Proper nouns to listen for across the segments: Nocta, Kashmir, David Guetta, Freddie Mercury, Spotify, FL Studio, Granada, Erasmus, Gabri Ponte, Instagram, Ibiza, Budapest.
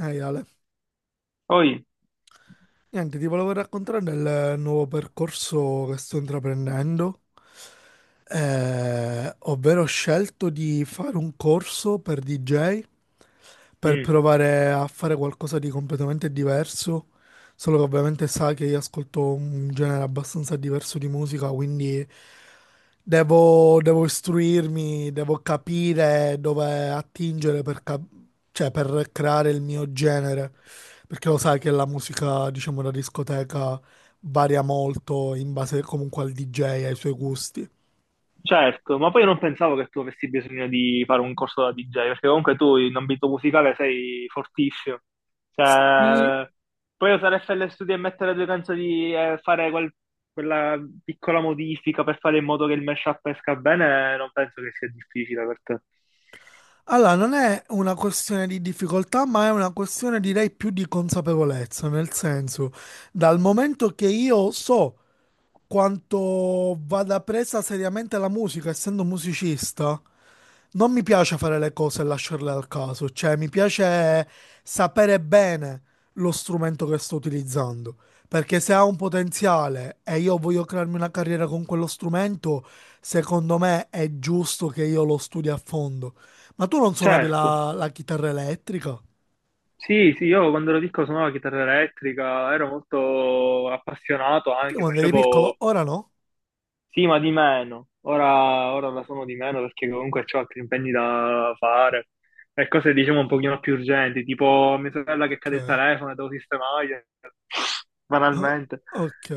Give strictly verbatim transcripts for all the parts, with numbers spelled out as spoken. Ehi Ale, Poi, niente, ti volevo raccontare del nuovo percorso che sto intraprendendo. Eh, ovvero, ho scelto di fare un corso per D J per mm. provare a fare qualcosa di completamente diverso, solo che ovviamente sa che io ascolto un genere abbastanza diverso di musica, quindi devo, devo istruirmi, devo capire dove attingere per, cap- cioè, per creare il mio genere, perché lo sai che la musica, diciamo, da discoteca varia molto in base comunque al D J e ai suoi gusti. Certo, ma poi io non pensavo che tu avessi bisogno di fare un corso da D J, perché comunque tu in ambito musicale sei fortissimo. Sì. Cioè, puoi usare F L Studio e mettere due canzoni e fare quel- quella piccola modifica per fare in modo che il mashup esca bene, non penso che sia difficile per te. Allora, non è una questione di difficoltà, ma è una questione direi più di consapevolezza, nel senso, dal momento che io so quanto vada presa seriamente la musica, essendo musicista, non mi piace fare le cose e lasciarle al caso, cioè mi piace sapere bene lo strumento che sto utilizzando, perché se ha un potenziale e io voglio crearmi una carriera con quello strumento, secondo me è giusto che io lo studi a fondo. Ma tu non suonavi Certo, la, la chitarra elettrica? sì, sì, io quando ero piccolo suonavo la chitarra elettrica, ero molto appassionato Perché anche, quando eri piccolo, facevo. ora no? Sì, ma di meno. Ora, ora la suono di meno perché comunque ho altri impegni da fare e cose diciamo un pochino più urgenti, tipo mia sorella che cade il Ok. telefono e devo sistemargli, Ah, banalmente. ok.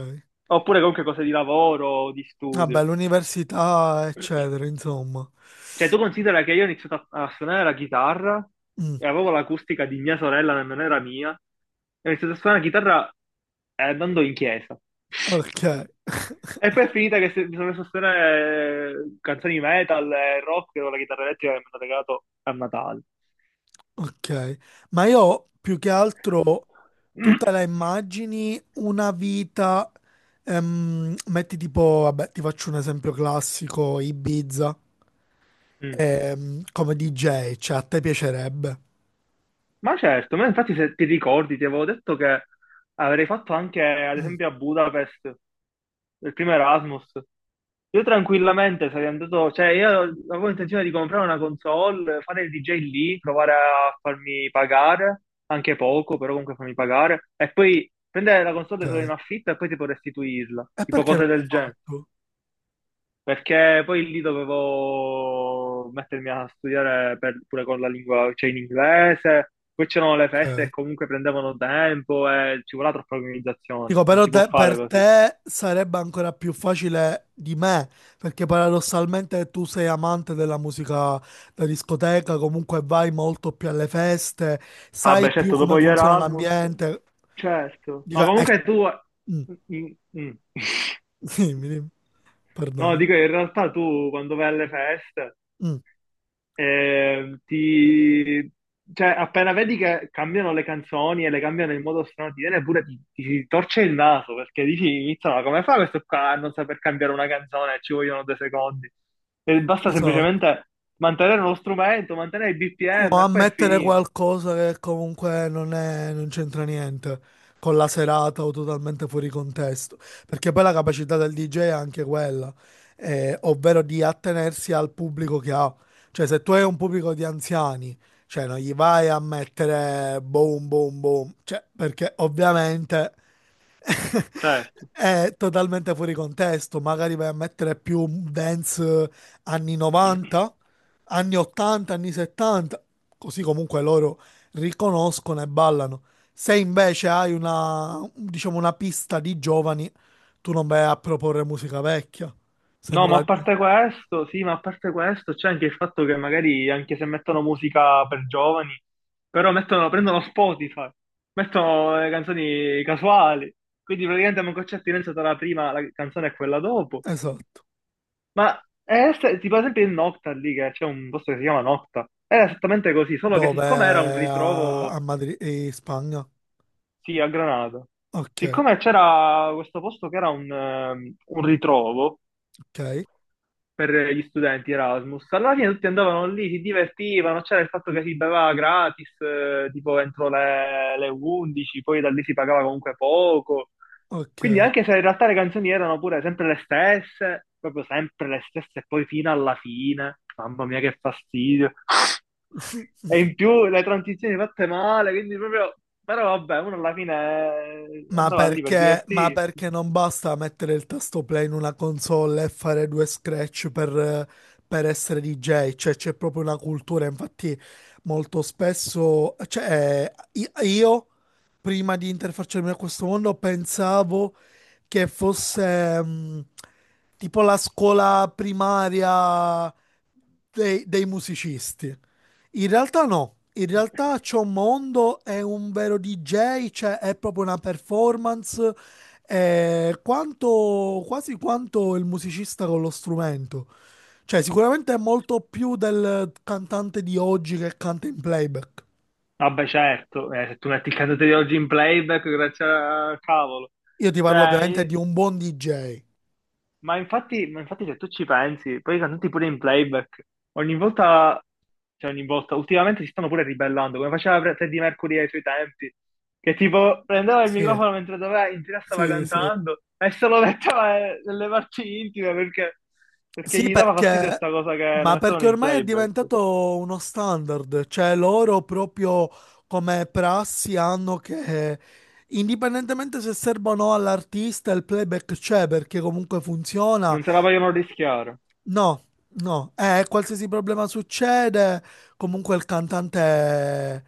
Oppure comunque cose di lavoro o di Vabbè, studio. l'università, eccetera, insomma. Cioè, tu considera che io ho iniziato a, a suonare la chitarra Mm, e avevo l'acustica di mia sorella, nemmeno era mia. E ho iniziato a suonare la chitarra eh, andando in chiesa. ok. E poi è finita che se- mi sono messo a suonare eh, canzoni metal e rock con la chitarra elettrica che mi hanno regalato a Natale. Ok, ma io ho più che altro tu te la immagini una vita, ehm, metti tipo, vabbè, ti faccio un esempio classico, Ibiza, Mm. ehm, come D J, cioè a te piacerebbe. Ma certo, ma infatti se ti ricordi, ti avevo detto che avrei fatto anche, ad Mm, esempio, a Budapest. Del primo Erasmus. Io tranquillamente sarei andato, cioè io avevo intenzione di comprare una console, fare il D J lì, provare a farmi pagare, anche poco, però comunque farmi pagare, e poi prendere la console solo in ok, affitto e poi tipo restituirla, e tipo perché cose non l'hai del genere, fatto? perché poi lì dovevo mettermi a studiare per- pure con la lingua, cioè in inglese, poi c'erano le feste e Ok. comunque prendevano tempo e ci voleva troppa organizzazione, Dico, non però si può te- fare per così. te sarebbe ancora più facile di me, perché paradossalmente tu sei amante della musica da discoteca, comunque vai molto più alle feste, Ah, sai beh, più certo, come dopo gli funziona Erasmus, l'ambiente. certo. Dico, Ma eh, comunque tu... mm, Mm, mm. dimmi, dimmi, No, perdono. dico, in realtà tu quando vai alle feste, Mm, eh, ti... Cioè, appena vedi che cambiano le canzoni e le cambiano in modo strano, ti viene pure, ti, ti si torce il naso, perché dici, "Minchia, ma come fa questo qua a non saper cambiare una canzone? Ci vogliono due secondi. E basta esatto. semplicemente mantenere lo strumento, mantenere il O B P M e poi è ammettere finito." qualcosa che comunque non è- non c'entra niente con la serata o totalmente fuori contesto. Perché poi la capacità del D J è anche quella, eh, ovvero di attenersi al pubblico che ha. Cioè, se tu hai un pubblico di anziani, cioè non gli vai a mettere boom, boom, boom. Cioè, perché ovviamente Certo. è totalmente fuori contesto, magari vai a mettere più dance eh, anni novanta, anni ottanta, anni settanta, così comunque loro riconoscono e ballano. Se invece hai una, diciamo, una pista di giovani, tu non vai a proporre musica vecchia, se No, non ma la... a parte questo, sì, ma a parte questo, c'è anche il fatto che magari anche se mettono musica per giovani, però mettono, prendono Spotify, mettono le canzoni casuali, quindi praticamente manco c'è attinenza tra la prima la canzone e quella dopo. Esatto. Ma è ess- tipo ad esempio il Nocta lì, che c'è un posto che si chiama Nocta, era esattamente così, solo che siccome era un Dove? A, ritrovo, a Madrid, in Spagna. sì, a Granada, Ok, siccome c'era questo posto che era un ehm, un ritrovo, ok, per gli studenti Erasmus. Alla fine tutti andavano lì, si divertivano, c'era il fatto che si beveva gratis, eh, tipo entro le, le undici, poi da lì si pagava comunque poco. Quindi ok. anche se in realtà le canzoni erano pure sempre le stesse, proprio sempre le stesse, e poi fino alla fine, mamma mia che fastidio. E in più le transizioni fatte male, quindi proprio... Però vabbè, uno alla fine eh, Ma andava lì per perché, ma divertirsi. perché non basta mettere il tasto play in una console e fare due scratch per, eh, per essere D J? Cioè, c'è proprio una cultura. Infatti, molto spesso, cioè, i- io prima di interfacciarmi a questo mondo pensavo che fosse mh, tipo la scuola primaria dei, dei musicisti. In realtà no, in realtà c'è un mondo è un vero D J, cioè è proprio una performance, è quanto, quasi quanto il musicista con lo strumento. Cioè sicuramente è molto più del cantante di oggi che canta in playback. Vabbè, certo, eh, se tu metti il cantante di oggi in playback, grazie al cavolo. Io ti parlo Cioè, ovviamente di eh, un buon D J. ma infatti, ma infatti se tu ci pensi, poi i cantanti pure in playback, ogni volta, cioè ogni volta, ultimamente si stanno pure ribellando, come faceva Fre- Freddie Mercury ai suoi tempi, che tipo prendeva il Sì, microfono mentre doveva, in diretta stava sì, sì. cantando e se lo metteva eh, nelle parti intime perché, perché Sì, gli dava fastidio perché, sta cosa che lo ma mettevano perché in ormai è playback. diventato uno standard, cioè loro proprio come prassi hanno che indipendentemente se serve o no all'artista, il playback c'è perché comunque funziona. Non se la vogliono rischiare. No, no, eh, qualsiasi problema succede, comunque il cantante,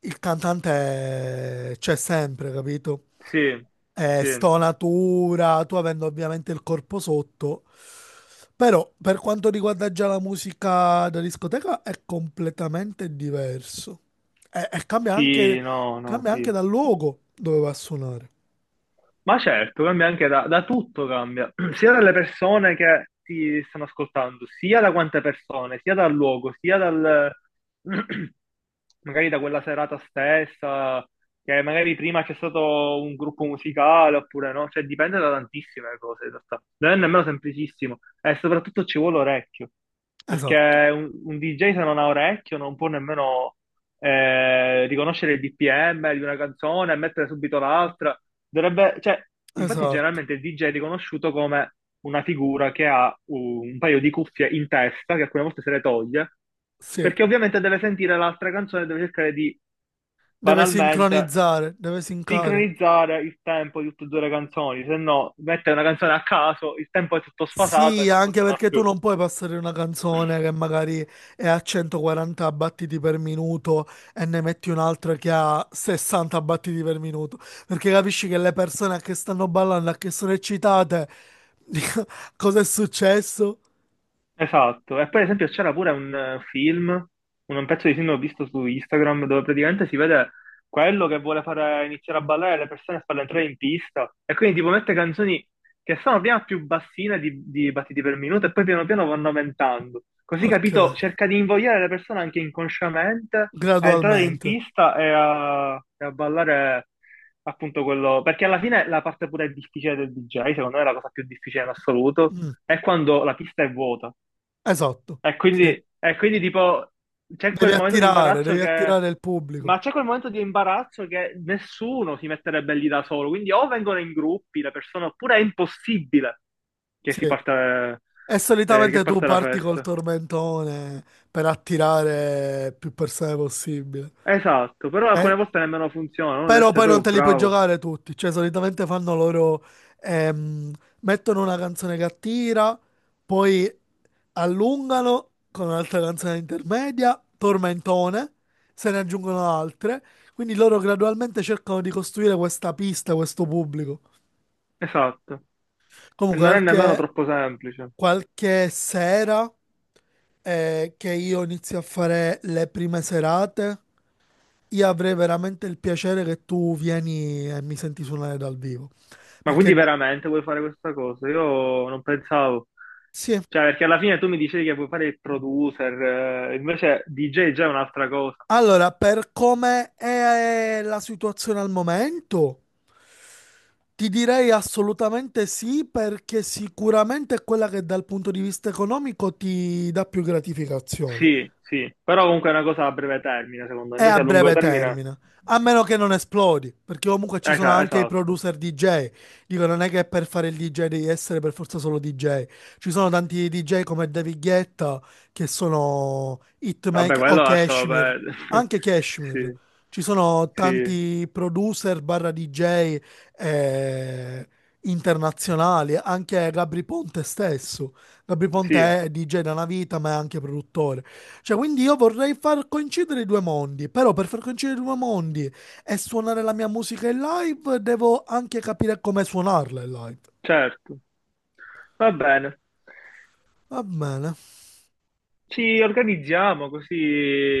il cantante c'è sempre, capito? Sì, Eh, sì. stonatura, tu avendo ovviamente il corpo sotto. Però per quanto riguarda già la musica da discoteca è completamente diverso. E, e cambia Sì, anche, no, no, cambia anche sì. dal luogo dove va a suonare. Ma certo, cambia anche da, da tutto, cambia, sia dalle persone che ti stanno ascoltando, sia da quante persone, sia dal luogo, sia dal... magari da quella serata stessa, che magari prima c'è stato un gruppo musicale oppure no, cioè dipende da tantissime cose in realtà, non è nemmeno semplicissimo e soprattutto ci vuole orecchio, Esatto, perché un, un D J se non ha orecchio non può nemmeno eh, riconoscere il B P M di una canzone e mettere subito l'altra. Dovrebbe, cioè, infatti, esatto, generalmente il D J è riconosciuto come una figura che ha un un paio di cuffie in testa, che alcune volte se le toglie, sì. perché ovviamente deve sentire l'altra canzone e deve cercare di Deve banalmente sincronizzare, deve sincare. sincronizzare il tempo di tutte e due le canzoni, se no mette una canzone a caso, il tempo è tutto sfasato e Sì, non anche funziona perché tu più. non puoi passare una canzone che magari è a centoquaranta battiti per minuto e ne metti un'altra che ha sessanta battiti per minuto, perché capisci che le persone che stanno ballando, che sono eccitate, cosa è successo? Esatto, e poi ad esempio c'era pure un eh, film, un pezzo di film che ho visto su Instagram dove praticamente si vede quello che vuole fare iniziare a ballare le persone e farle entrare in pista e quindi tipo mette canzoni che sono prima più bassine di, di battiti per minuto e poi piano piano vanno aumentando. Così Ok, capito, cerca di invogliare le persone anche inconsciamente a entrare in gradualmente. pista e a, e a ballare appunto quello, perché alla fine la parte pure difficile del D J, secondo me è la cosa più difficile in assoluto, Mm, è quando la pista è vuota esatto, e sì. quindi, e quindi tipo c'è Devi quel momento di attirare, imbarazzo devi che... attirare il Ma pubblico. c'è quel momento di imbarazzo che nessuno si metterebbe lì da solo, quindi o vengono in gruppi le persone, oppure è impossibile che si Sì. parta, E eh, che solitamente tu parte la parti col festa. tormentone per attirare più persone possibile. Esatto, però Eh, alcune volte nemmeno funziona, uno deve Però essere poi non proprio te li puoi bravo. giocare tutti, cioè solitamente fanno loro, ehm, mettono una canzone che attira, poi allungano con un'altra canzone intermedia, tormentone, se ne aggiungono altre, quindi loro gradualmente cercano di costruire questa pista, questo pubblico. Esatto, e Comunque non è nemmeno anche troppo semplice. qualche sera eh, che io inizio a fare le prime serate, io avrei veramente il piacere che tu vieni e mi senti suonare dal vivo. Ma quindi Perché veramente vuoi fare questa cosa? Io non pensavo. sì, Cioè, perché alla fine tu mi dicevi che vuoi fare il producer, eh, invece D J già è già un'altra cosa. allora, per come è eh, la situazione al momento, ti direi assolutamente sì, perché sicuramente è quella che dal punto di vista economico ti dà più gratificazione. Sì, sì, però comunque è una cosa a breve termine, secondo me. È a Invece a lungo breve termine, termine. A meno che non esplodi, perché comunque ci sono esa- anche i esatto. producer D J. Dico, non è che per fare il D J devi essere per forza solo D J. Ci sono tanti D J come David Guetta che sono Vabbè, hitmaker o quello lascialo Kashmir, perdere. anche Kashmir. Sì, Ci sono sì, tanti producer barra D J eh, internazionali, anche Gabri Ponte stesso. Gabri Ponte sì, è D J da una vita, ma è anche produttore. Cioè, quindi io vorrei far coincidere i due mondi, però per far coincidere i due mondi e suonare la mia musica in live, devo anche capire come suonarla in live. certo. Va bene. Va bene. Ci organizziamo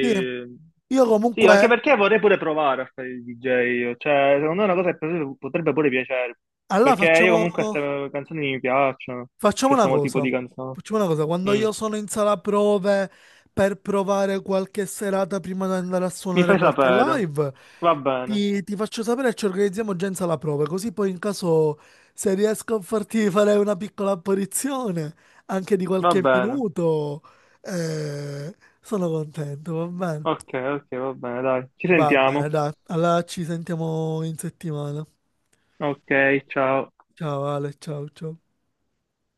Sì, io Sì, anche comunque, perché vorrei pure provare a fare il D J. Io. Cioè, secondo me è una cosa che potrebbe potrebbe pure piacere. allora Perché io facciamo... comunque queste canzoni mi piacciono. Facciamo una Questo tipo cosa, di canzone. facciamo una cosa, quando Mm. io sono in sala prove per provare qualche serata prima di andare a Mi suonare fai qualche sapere. live, Va bene, ti, ti faccio sapere e ci organizziamo già in sala prove, così poi in caso se riesco a farti fare una piccola apparizione, anche di va qualche bene. minuto, eh, sono contento, va bene? Ok, ok, va bene, dai. Ci Va bene, sentiamo. dai, allora ci sentiamo in settimana. Ok, ciao. Ciao Ale, ciao ciao.